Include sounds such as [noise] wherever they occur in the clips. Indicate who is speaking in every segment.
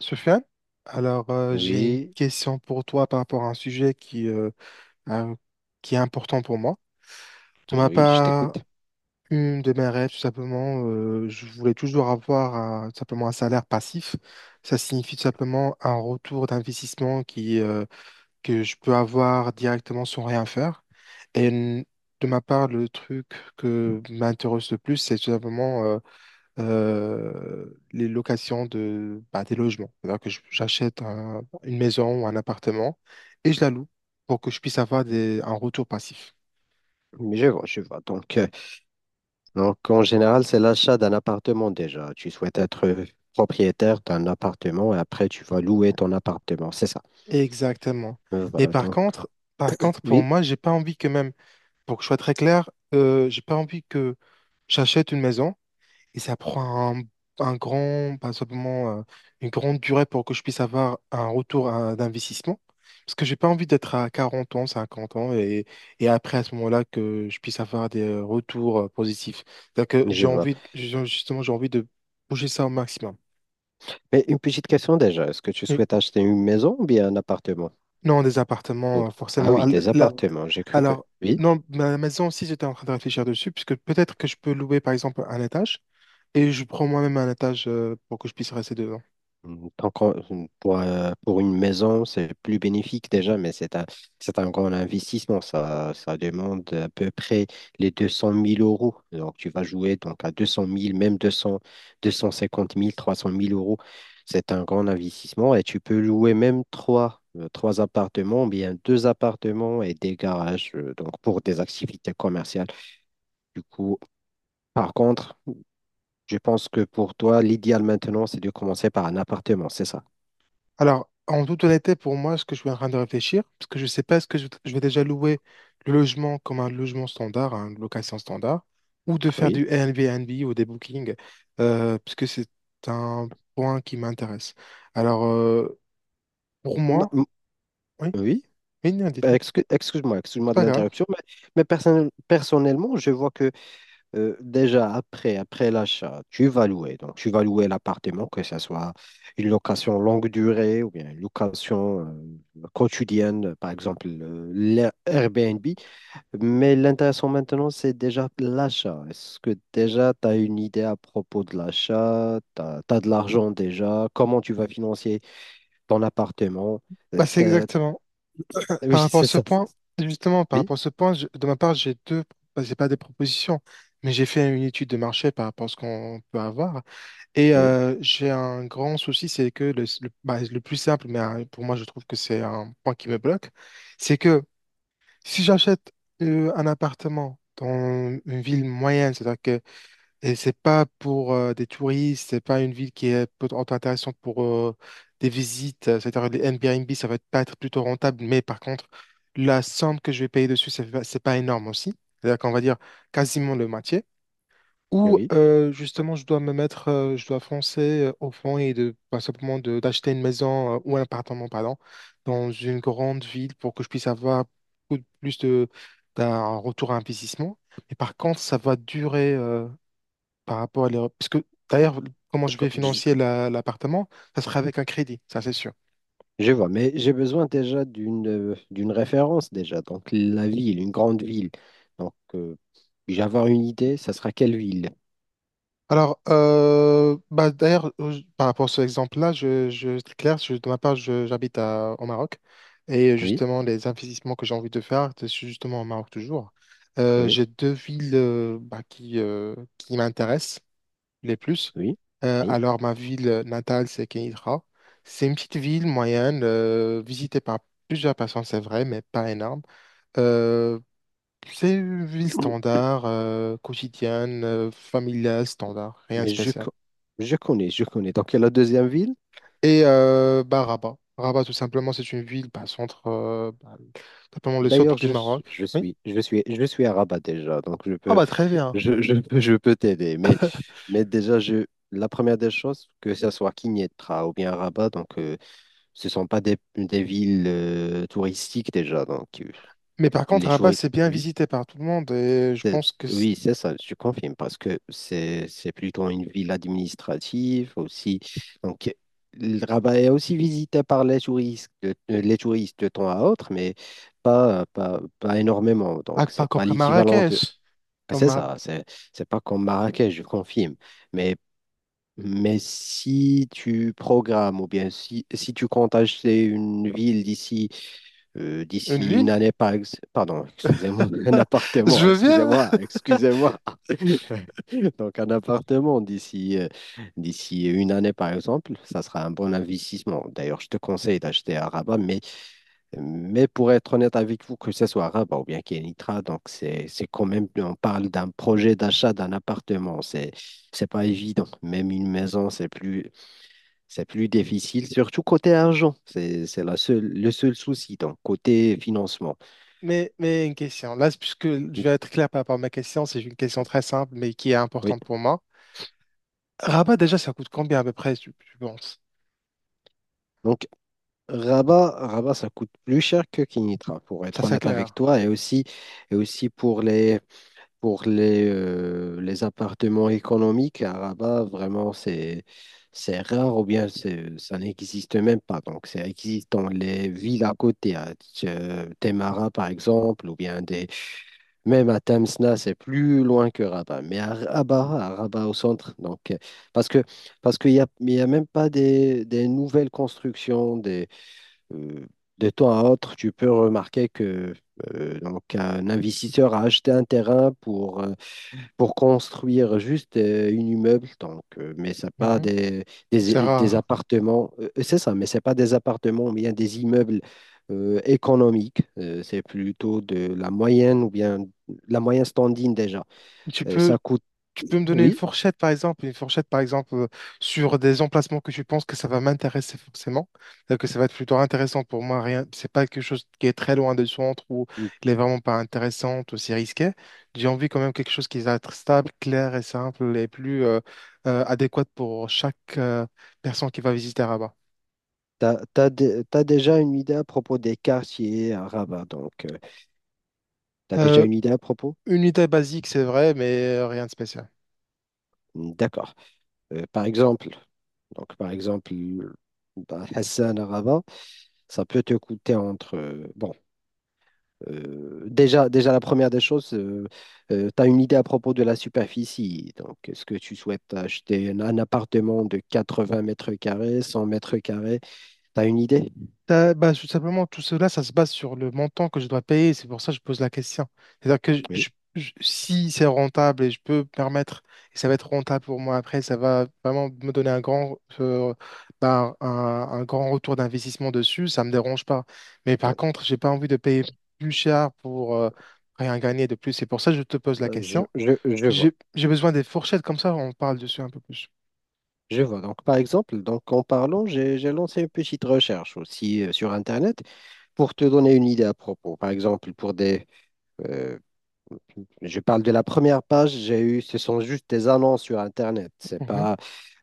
Speaker 1: Sofiane, alors j'ai une
Speaker 2: Oui,
Speaker 1: question pour toi par rapport à un sujet qui, un- qui est important pour moi. De ma
Speaker 2: oui, je
Speaker 1: part,
Speaker 2: t'écoute.
Speaker 1: une de mes rêves, tout simplement, je voulais toujours avoir tout simplement un salaire passif. Ça signifie tout simplement un retour d'investissement que je peux avoir directement sans rien faire. Et n- de ma part, le truc que m'intéresse le plus, c'est tout simplement euh, les locations de, bah, des logements. C'est-à-dire que j'achète une maison ou un appartement et je la loue pour que je puisse avoir des, un retour passif.
Speaker 2: Mais je vois, je vois. Donc, en général, c'est l'achat d'un appartement déjà. Tu souhaites être propriétaire d'un appartement et après, tu vas louer ton appartement. C'est ça.
Speaker 1: Exactement. Mais
Speaker 2: Voilà.
Speaker 1: par
Speaker 2: Donc,
Speaker 1: contre, par contre, pour
Speaker 2: oui,
Speaker 1: moi, j'ai pas envie que même, pour que je sois très clair, j'ai pas envie que j'achète une maison. Et ça prend un grand, pas simplement une grande durée pour que je puisse avoir un retour d'investissement. Parce que j'ai pas envie d'être à 40 ans, 50 ans, et après à ce moment-là que je puisse avoir des retours positifs. C'est que
Speaker 2: je vois.
Speaker 1: justement, j'ai envie de bouger ça au maximum.
Speaker 2: Mais une petite question déjà. Est-ce que tu
Speaker 1: Et
Speaker 2: souhaites acheter une maison ou bien un appartement?
Speaker 1: non, des
Speaker 2: Oh.
Speaker 1: appartements,
Speaker 2: Ah
Speaker 1: forcément. Ah,
Speaker 2: oui, des
Speaker 1: la-
Speaker 2: appartements. J'ai cru que.
Speaker 1: alors,
Speaker 2: Oui.
Speaker 1: non, ma maison aussi, j'étais en train de réfléchir dessus, puisque peut-être que je peux louer, par exemple, un étage, et je prends moi-même un étage pour que je puisse rester dedans.
Speaker 2: Pour une maison, c'est plus bénéfique déjà, mais c'est un grand investissement. Ça demande à peu près les deux cent mille euros. Donc, tu vas jouer donc à deux cent mille même deux cents, deux cent cinquante mille trois cent mille euros. C'est un grand investissement et tu peux louer même trois, trois appartements, bien deux appartements et des garages, donc pour des activités commerciales. Du coup, par contre, je pense que pour toi, l'idéal maintenant, c'est de commencer par un appartement, c'est ça?
Speaker 1: Alors, en toute honnêteté, pour moi, ce que je suis en train de réfléchir, parce que je ne sais pas, est-ce que je vais déjà louer le logement comme un logement standard, hein, une location standard, ou de faire
Speaker 2: Oui.
Speaker 1: du Airbnb ou des bookings, parce que c'est un point qui m'intéresse. Alors, pour
Speaker 2: Ma-
Speaker 1: moi,
Speaker 2: m-
Speaker 1: oui,
Speaker 2: oui.
Speaker 1: oui, non,
Speaker 2: Euh,
Speaker 1: dites-moi,
Speaker 2: excu- Excuse-moi,
Speaker 1: c'est
Speaker 2: excuse-moi de
Speaker 1: pas grave.
Speaker 2: l'interruption, mais, personnellement, je vois que déjà après l'achat, tu vas louer. Donc, tu vas louer l'appartement, que ce soit une location longue durée ou bien une location quotidienne, par exemple Airbnb. Mais l'intéressant maintenant, c'est déjà l'achat. Est-ce que déjà tu as une idée à propos de l'achat? Tu as de l'argent déjà? Comment tu vas financer ton appartement? Euh,
Speaker 1: Bah, c'est
Speaker 2: t'as-
Speaker 1: exactement,
Speaker 2: Oui, [laughs]
Speaker 1: par rapport à
Speaker 2: c'est
Speaker 1: ce
Speaker 2: ça.
Speaker 1: point, justement, par
Speaker 2: Oui,
Speaker 1: rapport à ce point, de ma part, j'ai deux, bah, c'est pas des propositions, mais j'ai fait une étude de marché par rapport à ce qu'on peut avoir.
Speaker 2: oui,
Speaker 1: J'ai un grand souci, c'est que le, bah, le plus simple, mais pour moi je trouve que c'est un point qui me bloque, c'est que si j'achète un appartement dans une ville moyenne, c'est-à-dire que et c'est pas pour des touristes, c'est pas une ville qui est intéressante pour des visites, c'est-à-dire les Airbnb, pas être plutôt rentable, mais par contre, la somme que je vais payer dessus, c'est pas énorme aussi. C'est-à-dire qu'on va dire quasiment le moitié. Ou
Speaker 2: oui.
Speaker 1: justement, je dois me mettre, je dois foncer au fond et de, pas simplement de, d'acheter une maison ou un appartement, pardon, dans une grande ville pour que je puisse avoir plus de, d'un retour à investissement. Mais par contre, ça va durer par rapport à l'Europe. Parce que d'ailleurs, comment je
Speaker 2: Co-
Speaker 1: vais
Speaker 2: Je,
Speaker 1: financer l'appartement, ça sera avec un crédit, ça c'est sûr.
Speaker 2: Je vois, mais j'ai besoin déjà d'une référence déjà. Donc la ville, une grande ville. Donc je vais avoir une idée, ça sera quelle ville?
Speaker 1: Alors, bah, d'ailleurs, par rapport à cet exemple-là, c'est clair, de ma part, j'habite au Maroc.
Speaker 2: Oui,
Speaker 1: Justement, les investissements que j'ai envie de faire, c'est justement au Maroc toujours.
Speaker 2: oui,
Speaker 1: J'ai deux villes bah, qui m'intéressent les plus.
Speaker 2: oui,
Speaker 1: Alors, ma ville natale, c'est Kenitra. C'est une petite ville moyenne, visitée par plusieurs personnes, c'est vrai, mais pas énorme. Euh, c'est une ville
Speaker 2: oui.
Speaker 1: standard, quotidienne, familiale, standard, rien de
Speaker 2: Mais
Speaker 1: spécial.
Speaker 2: je connais, je connais. Donc la deuxième ville.
Speaker 1: Bah, Rabat. Rabat, tout simplement, c'est une ville, bah, centre, bah, simplement le
Speaker 2: D'ailleurs,
Speaker 1: centre du
Speaker 2: je,
Speaker 1: Maroc.
Speaker 2: suis- je
Speaker 1: Oui.
Speaker 2: suis je suis je suis à Rabat déjà, donc je
Speaker 1: Ah
Speaker 2: peux
Speaker 1: bah très bien.
Speaker 2: je, je peux je peux t'aider. Mais déjà je la première des choses, que ce soit Kinetra ou bien Rabat, donc ce sont pas des villes touristiques déjà, donc.
Speaker 1: Mais par contre,
Speaker 2: Les jours,
Speaker 1: Rabat, c'est bien
Speaker 2: oui,
Speaker 1: visité par tout le monde et je
Speaker 2: c'est-
Speaker 1: pense que c'est
Speaker 2: oui, c'est ça, je confirme, parce que c'est plutôt une ville administrative aussi. Donc, le Rabat est aussi visité par les touristes, les touristes de temps à autre, mais pas, pas, pas énormément. Donc,
Speaker 1: pas
Speaker 2: c'est
Speaker 1: comme
Speaker 2: pas l'équivalent de.
Speaker 1: Marrakech,
Speaker 2: Ah,
Speaker 1: comme
Speaker 2: c'est
Speaker 1: Mar-
Speaker 2: ça, c'est pas comme Marrakech, je confirme. Mais, si tu programmes ou bien si, tu comptes acheter une ville
Speaker 1: une
Speaker 2: d'ici une
Speaker 1: ville.
Speaker 2: année, pardon, excusez-moi, [laughs] un
Speaker 1: [laughs]
Speaker 2: appartement,
Speaker 1: Je veux bien.
Speaker 2: excusez-moi, excusez-moi. [laughs] Donc, un appartement d'ici une année, par exemple, ça sera un bon investissement. D'ailleurs, je te conseille d'acheter à Rabat, mais, pour être honnête avec vous, que ce soit à Rabat ou bien Kenitra, donc c'est quand même, on parle d'un projet d'achat d'un appartement, c'est pas évident. Même une maison, c'est plus difficile, surtout côté argent. C'est la seule, le seul souci, donc côté financement.
Speaker 1: Mais une question, là, puisque je
Speaker 2: Oui,
Speaker 1: vais être clair par rapport à ma question, c'est une question très simple, mais qui est
Speaker 2: oui.
Speaker 1: importante pour moi. Rabat, déjà, ça coûte combien à peu près, tu penses?
Speaker 2: Donc, Rabat, ça coûte plus cher que Kinitra, pour
Speaker 1: Ça,
Speaker 2: être
Speaker 1: c'est
Speaker 2: honnête avec
Speaker 1: clair.
Speaker 2: toi, et aussi, pour les, les appartements économiques. À Rabat, vraiment, c'est rare ou bien ça n'existe même pas. Donc, ça existe dans les villes à côté, à Témara, par exemple, ou bien même à Tamsna, c'est plus loin que Rabat. Mais à Rabat, au centre, donc, parce que, parce qu'il n'y a, il y a même pas des, nouvelles constructions. Des, euh, de temps à autre, tu peux remarquer que donc, un investisseur a acheté un terrain pour construire juste une immeuble, donc, mais c'est pas
Speaker 1: Mhm. C'est
Speaker 2: des
Speaker 1: rare.
Speaker 2: appartements, c'est ça, mais c'est pas des appartements, mais bien des immeubles économiques. C'est plutôt de la moyenne ou bien la moyenne standing déjà.
Speaker 1: Tu
Speaker 2: Euh,
Speaker 1: peux,
Speaker 2: ça coûte,
Speaker 1: Tu peux me donner une
Speaker 2: oui,
Speaker 1: fourchette, par exemple, une fourchette, par exemple, sur des emplacements que tu penses que ça va m'intéresser forcément, que ça va être plutôt intéressant pour moi. Rien, c'est pas quelque chose qui est très loin du centre ou il est vraiment pas intéressant ou c'est risqué. J'ai envie quand même quelque chose qui va être stable, clair et simple et plus adéquat pour chaque personne qui va visiter Rabat.
Speaker 2: t'as déjà une idée à propos des quartiers à Rabat, donc. Tu as déjà
Speaker 1: Euh,
Speaker 2: une idée à propos?
Speaker 1: Une unité basique, c'est vrai, mais rien de spécial.
Speaker 2: D'accord. Euh, par exemple, par exemple, bah, Hassan Arava, ça peut te coûter entre. Bon, déjà, la première des choses, tu as une idée à propos de la superficie. Donc, est-ce que tu souhaites acheter un appartement de 80 mètres carrés, 100 mètres carrés? Tu as une idée?
Speaker 1: Bah, tout simplement, tout cela, ça se base sur le montant que je dois payer. C'est pour ça que je pose la question. C'est-à-dire que
Speaker 2: Oui.
Speaker 1: si c'est rentable et je peux me permettre, et ça va être rentable pour moi après, ça va vraiment me donner un grand, bah, un grand retour d'investissement dessus, ça me dérange pas. Mais par
Speaker 2: Oui.
Speaker 1: contre, j'ai pas envie de payer plus cher pour rien gagner de plus. C'est pour ça que je te pose la question.
Speaker 2: Je vois.
Speaker 1: J'ai besoin des fourchettes, comme ça on parle dessus un peu plus.
Speaker 2: Je vois. Donc, par exemple, donc, en parlant, j'ai lancé une petite recherche aussi sur Internet pour te donner une idée à propos, par exemple, pour euh, je parle de la première page, j'ai eu, ce sont juste des annonces sur Internet. C'est
Speaker 1: Mhm.
Speaker 2: pas,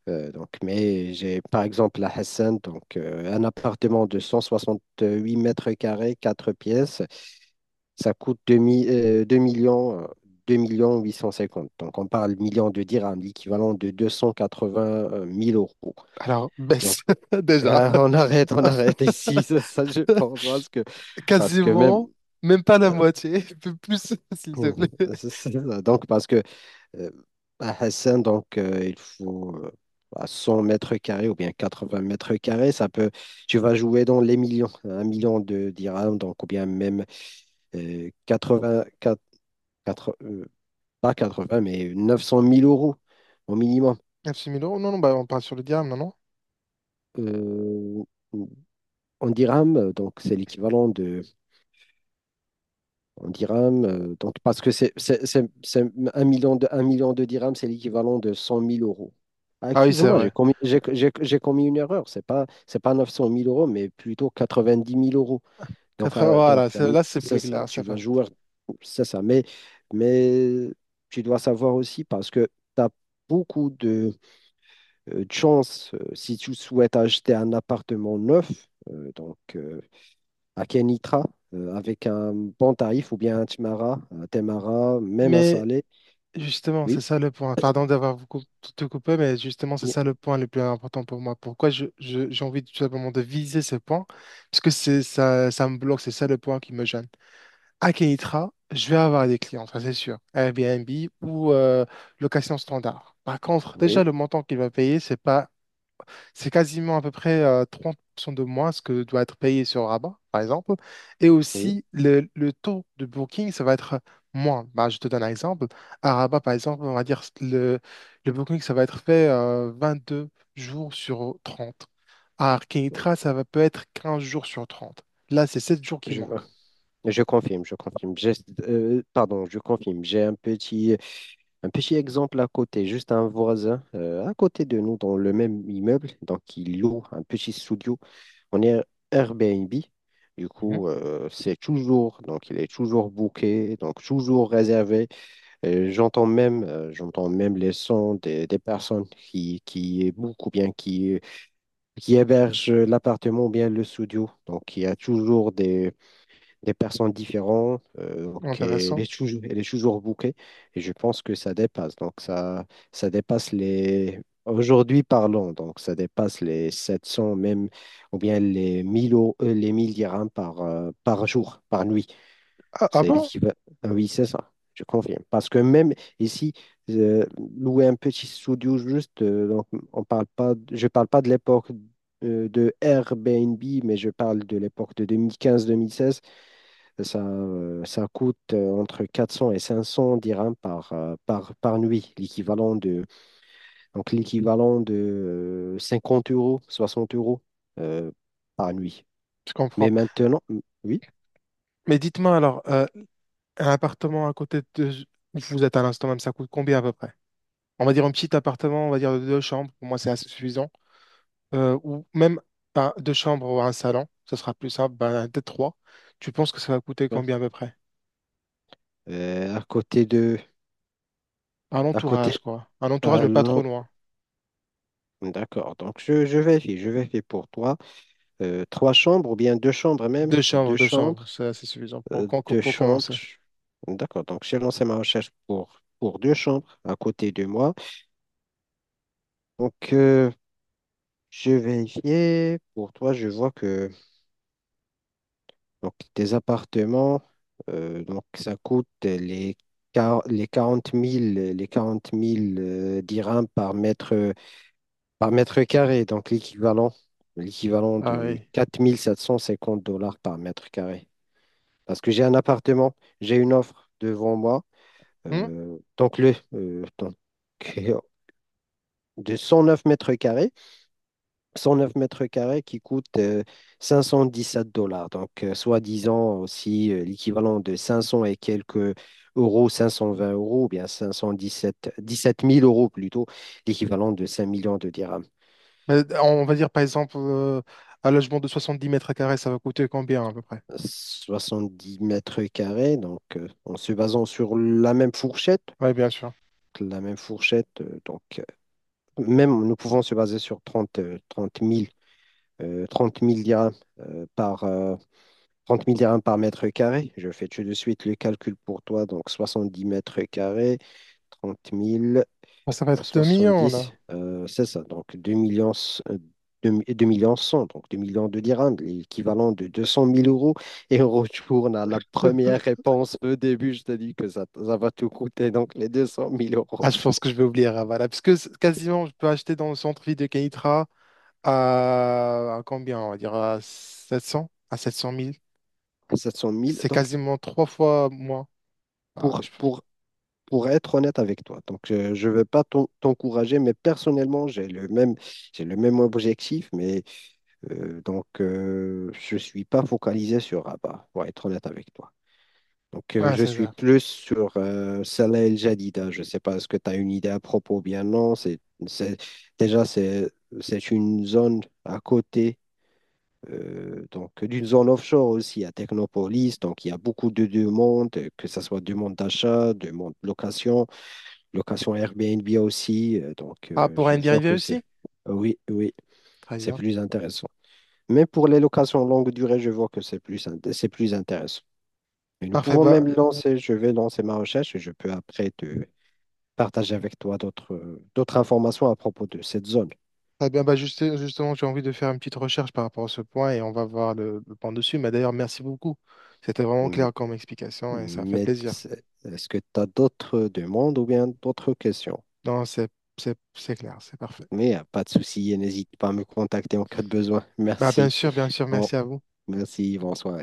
Speaker 2: donc, mais j'ai par exemple à Hassan, donc un appartement de 168 mètres carrés, 4 pièces, ça coûte 2 millions. 2 millions 850. Donc, on parle millions de dirhams, l'équivalent de deux cent quatre-vingt mille euros.
Speaker 1: Alors,
Speaker 2: Donc,
Speaker 1: baisse, [laughs] déjà.
Speaker 2: [laughs] on arrête, ici, [laughs] ça, je
Speaker 1: [laughs]
Speaker 2: pense, parce que, même,
Speaker 1: Quasiment, même pas la
Speaker 2: euh,
Speaker 1: moitié, [laughs] un peu plus, [laughs] s'il te
Speaker 2: Mm.
Speaker 1: plaît.
Speaker 2: C'est ça. Donc, parce que euh, à Hassan, donc, il faut bah, 100 mètres carrés ou bien 80 mètres carrés, tu vas jouer dans les millions, un million de dirhams, donc, ou bien même 80, quatre- euh, pas 80, mais 900 000 euros au minimum.
Speaker 1: 9 000 euros? Non, non, bah, on parle sur le dirham, non, non?
Speaker 2: Euh, en dirhams, donc, c'est l'équivalent de. En dirhams. Donc, parce que c'est un million de dirhams, c'est l'équivalent de cent mille euros. Ah,
Speaker 1: Ah oui, c'est
Speaker 2: excusez-moi,
Speaker 1: vrai.
Speaker 2: j'ai commis une erreur. C'est pas neuf cent mille euros, mais plutôt quatre-vingt-dix mille euros. Donc,
Speaker 1: 4.
Speaker 2: euh, donc
Speaker 1: Voilà,
Speaker 2: un-
Speaker 1: là, c'est plus
Speaker 2: c'est ça.
Speaker 1: clair,
Speaker 2: Tu
Speaker 1: c'est
Speaker 2: vas
Speaker 1: vrai.
Speaker 2: jouer, c'est ça. Mais, mais tu dois savoir aussi parce que tu as beaucoup de chances si tu souhaites acheter un appartement neuf. Donc, à Kenitra avec un bon tarif ou bien à Timara, à Temara, même à
Speaker 1: Mais
Speaker 2: Salé.
Speaker 1: justement, c'est
Speaker 2: Oui,
Speaker 1: ça le point. Pardon d'avoir te coupé, mais justement, c'est
Speaker 2: oui,
Speaker 1: ça le point le plus important pour moi. Pourquoi j'ai envie tout simplement de viser ce point? Parce que c'est ça, ça me bloque, c'est ça le point qui me gêne. À Kenitra, je vais avoir des clients, ça c'est sûr. Airbnb ou location standard. Par contre, déjà,
Speaker 2: oui,
Speaker 1: le montant qu'il va payer, c'est pas c'est quasiment à peu près 30% de moins ce que doit être payé sur Rabat, par exemple. Et
Speaker 2: oui,
Speaker 1: aussi, le taux de booking, ça va être moins. Bah, je te donne un exemple. À Rabat, par exemple, on va dire le booking, ça va être fait 22 jours sur 30. À Arkinitra, ça va peut être 15 jours sur 30. Là, c'est 7 jours qui
Speaker 2: je vois.
Speaker 1: manquent.
Speaker 2: Je confirme, je confirme. Pardon, je confirme. J'ai un petit exemple à côté, juste un voisin à côté de nous dans le même immeuble. Donc, il loue un petit studio. On est Airbnb. Du
Speaker 1: Mhm.
Speaker 2: coup, c'est toujours, donc il est toujours booké, donc toujours réservé. J'entends même les sons des personnes qui bookent ou bien qui hébergent l'appartement ou bien le studio. Donc, il y a toujours des personnes différentes. Donc,
Speaker 1: Intéressant.
Speaker 2: elle est toujours bookée. Et je pense que ça dépasse. Donc, ça dépasse les. Aujourd'hui, parlons. Donc, ça dépasse les 700 même ou bien les 1000 dirhams par, par jour, par nuit.
Speaker 1: Ah, ah
Speaker 2: C'est
Speaker 1: bon?
Speaker 2: l'équivalent. Ah oui, c'est ça. Je confirme. Parce que même ici, euh, louer un petit studio juste, donc on parle pas, de- je parle pas de l'époque de Airbnb, mais je parle de l'époque de 2015-2016. Ça, ça coûte entre 400 et 500 dirhams par, par, par nuit, l'équivalent de, donc l'équivalent de 50 euros, 60 euros euh, par nuit.
Speaker 1: Je
Speaker 2: Mais
Speaker 1: comprends.
Speaker 2: maintenant, oui,
Speaker 1: Mais dites-moi alors, un appartement à côté de où vous êtes à l'instant même, ça coûte combien à peu près? On va dire un petit appartement, on va dire de deux chambres, pour moi c'est assez suffisant. Ou même deux chambres ou un salon, ça sera plus simple, ben, peut-être trois. Tu penses que ça va coûter
Speaker 2: bien.
Speaker 1: combien à peu près?
Speaker 2: À côté de,
Speaker 1: Un
Speaker 2: à côté,
Speaker 1: entourage, quoi. Un entourage,
Speaker 2: à
Speaker 1: mais pas trop
Speaker 2: l'en-
Speaker 1: loin.
Speaker 2: D'accord. Donc, je vérifie pour toi. Trois chambres ou bien deux chambres même. Deux
Speaker 1: Deux chambres,
Speaker 2: chambres.
Speaker 1: c'est assez suffisant pour,
Speaker 2: Deux
Speaker 1: pour
Speaker 2: chambres.
Speaker 1: commencer.
Speaker 2: D'accord. Donc, j'ai lancé ma recherche pour deux chambres à côté de moi. Donc, je vérifiais. Pour toi, je vois que donc, tes appartements, donc, ça coûte les quarante mille dirhams par mètre carré. Donc, l'équivalent
Speaker 1: Ah
Speaker 2: de
Speaker 1: oui.
Speaker 2: quatre mille sept cent cinquante dollars par mètre carré. Parce que j'ai un appartement, j'ai une offre devant moi.
Speaker 1: Hmm.
Speaker 2: Donc, donc, [laughs] de 109 mètres carrés, qui coûte sept dollars. Donc, soi-disant aussi l'équivalent de 500 et quelques euros, 520 euros, ou bien dix sept mille euros plutôt, l'équivalent de 5 millions de dirhams.
Speaker 1: Mais on va dire par exemple un logement de 70 mètres carrés, ça va coûter combien à peu près?
Speaker 2: 70 mètres carrés, donc en se basant sur la même fourchette,
Speaker 1: Oui, bien sûr.
Speaker 2: donc même nous pouvons se baser sur 30 30 000 dirhams euh, par, euh, 30 000 dirhams par mètre carré. Je fais tout de suite le calcul pour toi. Donc 70 mètres carrés, 30 000
Speaker 1: Bon, ça va
Speaker 2: fois
Speaker 1: être 2 millions là.
Speaker 2: 70, c'est ça. Donc 2 millions, euh, 2, 2 millions 100, donc 2 millions de dirhams, l'équivalent de 200 000 euros. Et on retourne à la première
Speaker 1: [laughs]
Speaker 2: réponse au début. Je t'ai dit que ça va tout coûter, donc les 200 000 euros,
Speaker 1: Ah, je pense que je vais oublier Ravala, parce que quasiment je peux acheter dans le centre-ville de Kenitra à combien, on va dire, à 700 à 700 000.
Speaker 2: 700 000.
Speaker 1: C'est
Speaker 2: Donc
Speaker 1: quasiment trois fois moins. Ah,
Speaker 2: pour,
Speaker 1: je,
Speaker 2: pour pour être honnête avec toi. Donc, je ne veux pas t'encourager, mais personnellement, j'ai le même objectif, mais donc, je ne suis pas focalisé sur Rabat, pour être honnête avec toi. Donc,
Speaker 1: ouais,
Speaker 2: je
Speaker 1: c'est
Speaker 2: suis
Speaker 1: ça.
Speaker 2: plus sur Salah El Jadida. Je ne sais pas, est-ce que tu as une idée à propos ou bien non. C'est- déjà, c'est une zone à côté. Donc, d'une zone offshore aussi à Technopolis. Donc, il y a beaucoup de demandes, que ce soit demande d'achat, demande de location. Location Airbnb aussi. Donc,
Speaker 1: Ah, pour
Speaker 2: je
Speaker 1: un
Speaker 2: vois
Speaker 1: dérivé
Speaker 2: que c'est.
Speaker 1: aussi?
Speaker 2: Oui, oui,
Speaker 1: Très
Speaker 2: c'est
Speaker 1: bien.
Speaker 2: plus intéressant. Même pour les locations longue durée, je vois que c'est plus intéressant. Et nous
Speaker 1: Parfait,
Speaker 2: pouvons
Speaker 1: bah,
Speaker 2: même lancer, je vais lancer ma recherche et je peux après te partager avec toi d'autres d'autres informations à propos de cette zone.
Speaker 1: très bien, bah, justement, j'ai envie de faire une petite recherche par rapport à ce point et on va voir le point dessus. Mais d'ailleurs, merci beaucoup. C'était vraiment
Speaker 2: M-
Speaker 1: clair comme explication et ça fait
Speaker 2: Mais
Speaker 1: plaisir.
Speaker 2: est-ce que tu as d'autres demandes ou bien d'autres questions?
Speaker 1: Non, c'est clair, c'est parfait.
Speaker 2: Mais pas de souci, et n'hésite pas à me contacter en cas de besoin.
Speaker 1: Bah,
Speaker 2: Merci.
Speaker 1: bien sûr,
Speaker 2: Bon,
Speaker 1: merci à vous.
Speaker 2: merci, bonsoir.